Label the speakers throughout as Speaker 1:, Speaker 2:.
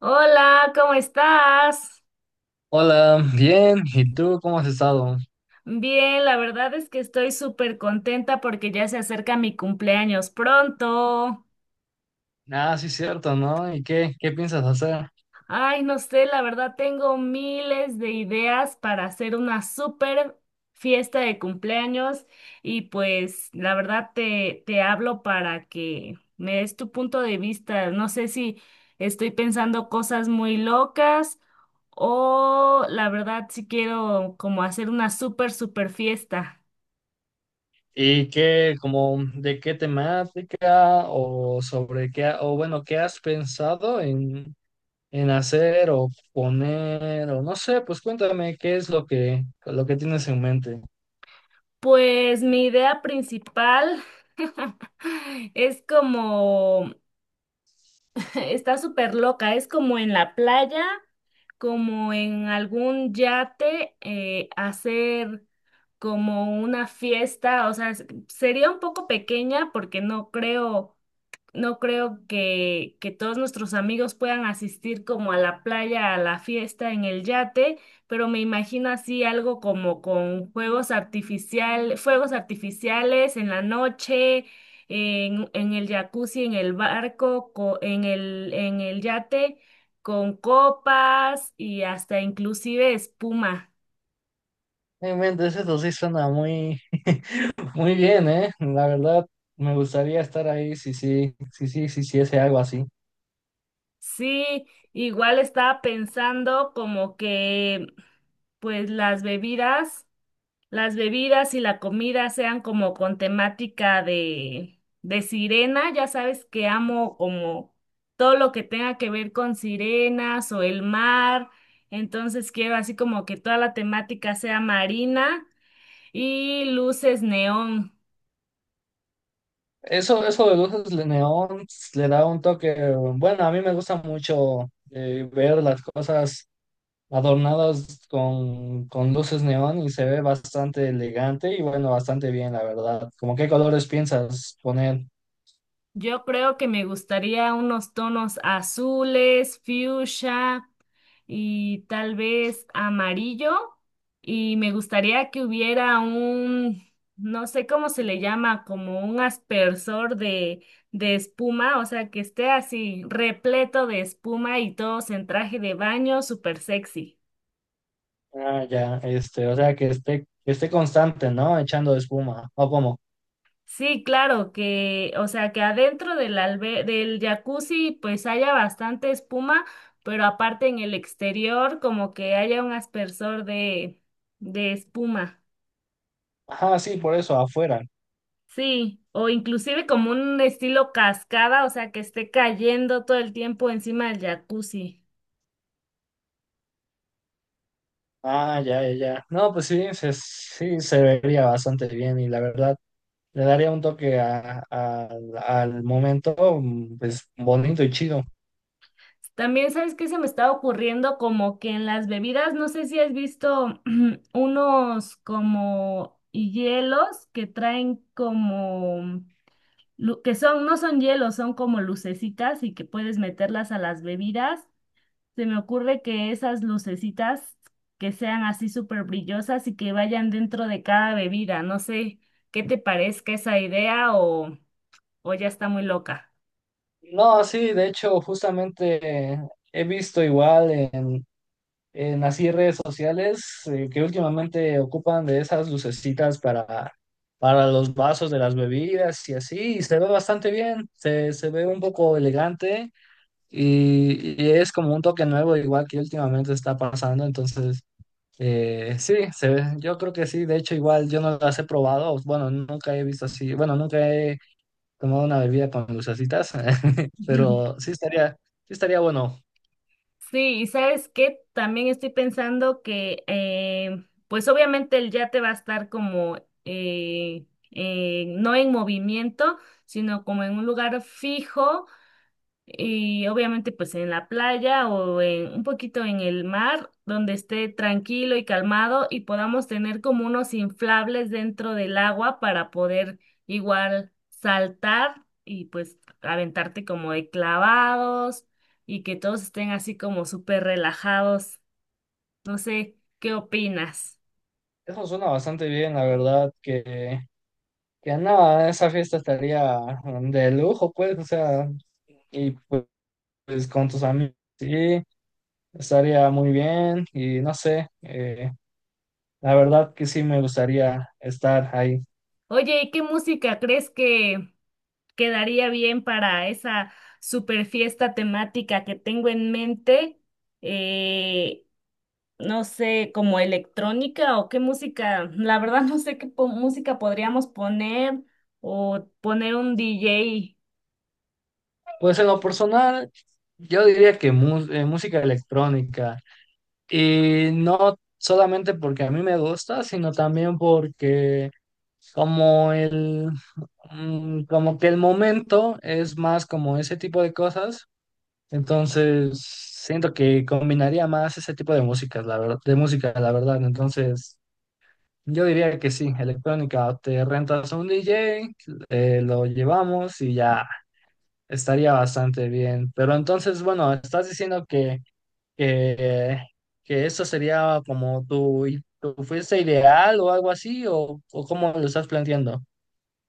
Speaker 1: Hola, ¿cómo estás?
Speaker 2: Hola, bien. ¿Y tú cómo has estado?
Speaker 1: Bien, la verdad es que estoy súper contenta porque ya se acerca mi cumpleaños pronto.
Speaker 2: Ah, sí, cierto, ¿no? ¿Y qué piensas hacer?
Speaker 1: Ay, no sé, la verdad tengo miles de ideas para hacer una súper fiesta de cumpleaños y pues la verdad te hablo para que me des tu punto de vista. No sé si estoy pensando cosas muy locas o la verdad si quiero como hacer una súper, súper fiesta.
Speaker 2: ¿Y qué, como, de qué temática o sobre qué, o bueno, qué has pensado en hacer o poner o no sé, pues cuéntame qué es lo que tienes en mente.
Speaker 1: Pues mi idea principal es como, está súper loca, es como en la playa, como en algún yate, hacer como una fiesta, o sea, sería un poco pequeña porque no creo que todos nuestros amigos puedan asistir como a la playa, a la fiesta, en el yate, pero me imagino así algo como con juegos artificial, fuegos artificiales en la noche, en el jacuzzi, en el barco, en en el yate, con copas y hasta inclusive espuma.
Speaker 2: En mente, eso sí suena muy, muy bien, ¿eh? La verdad, me gustaría estar ahí si sí, sí, sí, sí, sí, sí, hiciese algo así.
Speaker 1: Sí, igual estaba pensando como que pues las bebidas. Las bebidas y la comida sean como con temática de sirena. Ya sabes que amo como todo lo que tenga que ver con sirenas o el mar. Entonces quiero así como que toda la temática sea marina y luces neón.
Speaker 2: Eso de luces de neón le da un toque. Bueno, a mí me gusta mucho ver las cosas adornadas con luces neón y se ve bastante elegante y bueno, bastante bien, la verdad. ¿Cómo qué colores piensas poner?
Speaker 1: Yo creo que me gustaría unos tonos azules, fucsia, y tal vez amarillo. Y me gustaría que hubiera un, no sé cómo se le llama, como un aspersor de espuma, o sea, que esté así repleto de espuma y todos en traje de baño, súper sexy.
Speaker 2: Ah, ya, este, o sea, que esté constante, ¿no? Echando espuma, ¿o cómo?
Speaker 1: Sí, claro, que, o sea, que adentro del jacuzzi pues haya bastante espuma, pero aparte en el exterior como que haya un aspersor de espuma.
Speaker 2: Ajá, sí, por eso, afuera.
Speaker 1: Sí, o inclusive como un estilo cascada, o sea, que esté cayendo todo el tiempo encima del jacuzzi.
Speaker 2: Ah, ya, ya, ya. No, pues sí, se vería bastante bien y la verdad le daría un toque al momento, pues bonito y chido.
Speaker 1: También, ¿sabes qué se me está ocurriendo? Como que en las bebidas, no sé si has visto unos como hielos que traen como, que son, no son hielos, son como lucecitas y que puedes meterlas a las bebidas. Se me ocurre que esas lucecitas que sean así súper brillosas y que vayan dentro de cada bebida. No sé qué te parezca esa idea o ya está muy loca.
Speaker 2: No, sí, de hecho, justamente he visto igual en así redes sociales que últimamente ocupan de esas lucecitas para los vasos de las bebidas y así, y se ve bastante bien, se ve un poco elegante y es como un toque nuevo igual que últimamente está pasando, entonces. Sí, se ve. Yo creo que sí. De hecho, igual yo no las he probado. Bueno, nunca he visto así. Bueno, nunca he tomado una bebida con lucecitas, pero sí estaría bueno.
Speaker 1: Sí, y sabes qué, también estoy pensando que, pues obviamente el yate va a estar como, no en movimiento, sino como en un lugar fijo. Y obviamente pues en la playa o en un poquito en el mar, donde esté tranquilo y calmado y podamos tener como unos inflables dentro del agua para poder igual saltar y pues aventarte como de clavados y que todos estén así como súper relajados. No sé, ¿qué opinas?
Speaker 2: Eso suena bastante bien, la verdad. Que nada, esa fiesta estaría de lujo, pues. O sea, y pues, pues, con tus amigos, sí, estaría muy bien. Y no sé, la verdad que sí me gustaría estar ahí.
Speaker 1: Oye, ¿y qué música crees que quedaría bien para esa super fiesta temática que tengo en mente? eh, no sé, como electrónica o qué música. La verdad no sé qué música podríamos poner o poner un DJ.
Speaker 2: Pues en lo personal, yo diría que música electrónica. Y no solamente porque a mí me gusta, sino también porque como el como que el momento es más como ese tipo de cosas. Entonces, siento que combinaría más ese tipo de músicas, la verdad, de música, la verdad. Entonces, yo diría que sí, electrónica, te rentas a un DJ, lo llevamos y ya estaría bastante bien. Pero entonces, bueno, estás diciendo que, que eso sería como tu fuerza ideal o algo así, o cómo lo estás planteando.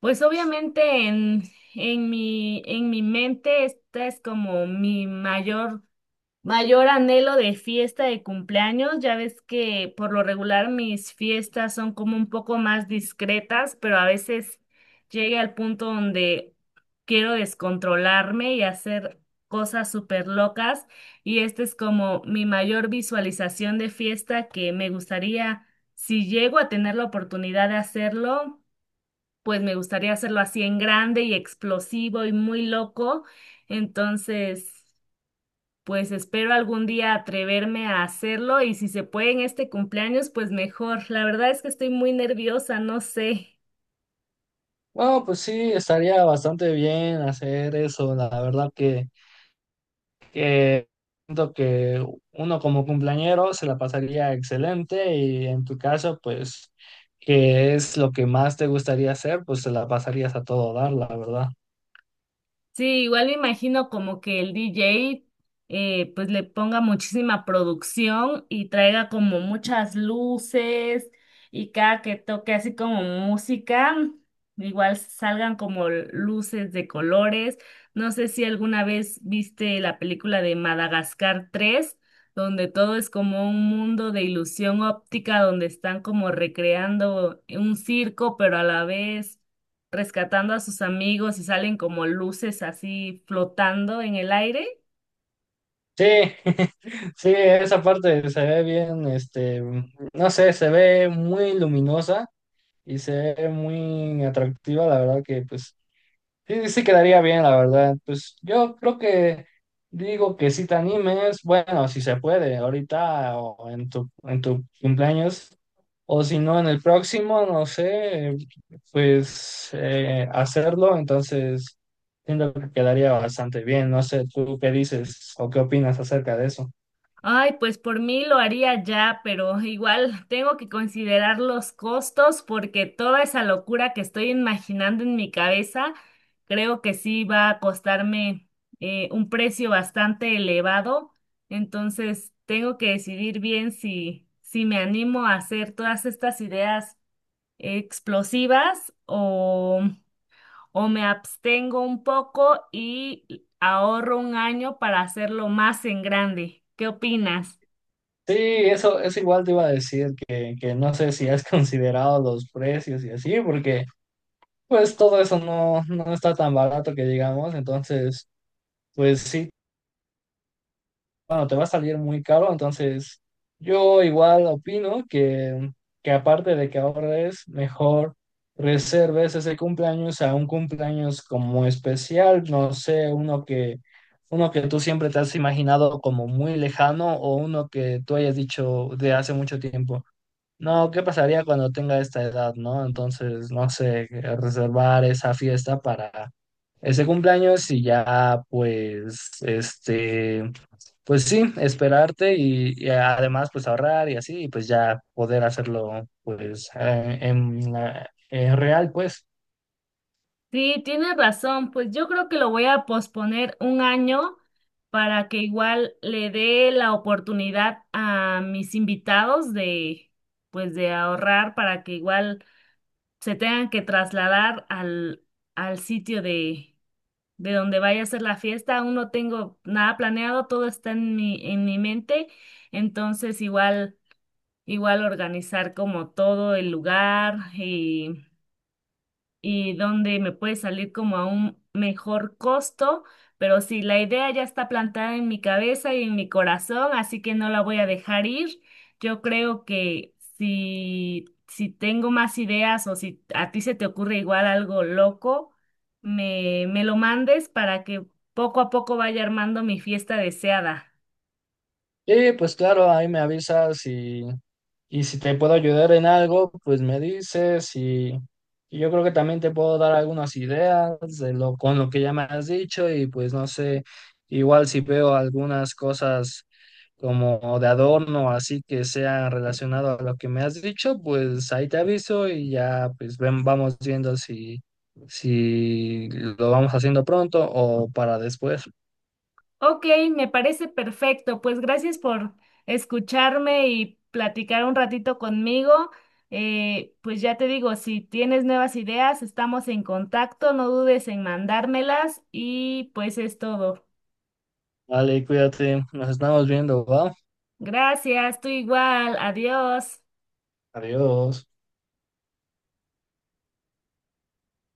Speaker 1: Pues obviamente en en mi mente esta es como mi mayor anhelo de fiesta de cumpleaños, ya ves que por lo regular mis fiestas son como un poco más discretas, pero a veces llegué al punto donde quiero descontrolarme y hacer cosas súper locas y esta es como mi mayor visualización de fiesta que me gustaría, si llego a tener la oportunidad de hacerlo, pues me gustaría hacerlo así en grande y explosivo y muy loco. Entonces... Pues espero algún día atreverme a hacerlo y si se puede en este cumpleaños, pues mejor. La verdad es que estoy muy nerviosa, no sé.
Speaker 2: Bueno, pues sí, estaría bastante bien hacer eso. La verdad que siento que uno como cumpleañero se la pasaría excelente y en tu caso, pues, que es lo que más te gustaría hacer, pues se la pasarías a todo dar, la verdad.
Speaker 1: Sí, igual me imagino como que el DJ pues le ponga muchísima producción y traiga como muchas luces y cada que toque así como música, igual salgan como luces de colores. No sé si alguna vez viste la película de Madagascar 3, donde todo es como un mundo de ilusión óptica, donde están como recreando un circo, pero a la vez rescatando a sus amigos y salen como luces así flotando en el aire.
Speaker 2: Sí, sí, esa parte se ve bien, este, no sé, se ve muy luminosa y se ve muy atractiva, la verdad que pues sí, sí quedaría bien, la verdad. Pues yo creo que digo que si te animes, bueno, si se puede, ahorita o en tu cumpleaños, o si no, en el próximo, no sé, pues hacerlo, entonces siento que quedaría bastante bien. No sé, ¿tú qué dices o qué opinas acerca de eso?
Speaker 1: Ay, pues por mí lo haría ya, pero igual tengo que considerar los costos porque toda esa locura que estoy imaginando en mi cabeza, creo que sí va a costarme un precio bastante elevado. Entonces, tengo que decidir bien si me animo a hacer todas estas ideas explosivas o me abstengo un poco y ahorro un año para hacerlo más en grande. ¿Qué opinas?
Speaker 2: Sí, eso igual te iba a decir que no sé si has considerado los precios y así, porque pues todo eso no, no está tan barato que digamos, entonces pues sí, bueno, te va a salir muy caro, entonces yo igual opino que aparte de que ahorres, mejor reserves ese cumpleaños a un cumpleaños como especial, no sé, uno que tú siempre te has imaginado como muy lejano o uno que tú hayas dicho de hace mucho tiempo. No, ¿qué pasaría cuando tenga esta edad, no? Entonces, no sé, reservar esa fiesta para ese cumpleaños y ya, pues, este, pues sí, esperarte y además pues ahorrar y así, y pues ya poder hacerlo pues en, en real, pues.
Speaker 1: Sí, tienes razón, pues yo creo que lo voy a posponer un año para que igual le dé la oportunidad a mis invitados de, pues de ahorrar para que igual se tengan que trasladar al sitio de donde vaya a ser la fiesta. Aún no tengo nada planeado, todo está en en mi mente, entonces igual. Igual organizar como todo el lugar y donde me puede salir como a un mejor costo, pero sí, la idea ya está plantada en mi cabeza y en mi corazón, así que no la voy a dejar ir. Yo creo que si tengo más ideas o si a ti se te ocurre igual algo loco, me lo mandes para que poco a poco vaya armando mi fiesta deseada.
Speaker 2: Y pues claro, ahí me avisas y si te puedo ayudar en algo, pues me dices y yo creo que también te puedo dar algunas ideas de lo, con lo que ya me has dicho y pues no sé, igual si veo algunas cosas como de adorno, así que sea relacionado a lo que me has dicho, pues ahí te aviso y ya pues ven, vamos viendo si, si lo vamos haciendo pronto o para después.
Speaker 1: Ok, me parece perfecto. Pues gracias por escucharme y platicar un ratito conmigo. Pues ya te digo, si tienes nuevas ideas, estamos en contacto, no dudes en mandármelas y pues es todo.
Speaker 2: Vale, cuídate, nos estamos viendo, ¿va?
Speaker 1: Gracias, tú igual, adiós.
Speaker 2: Adiós.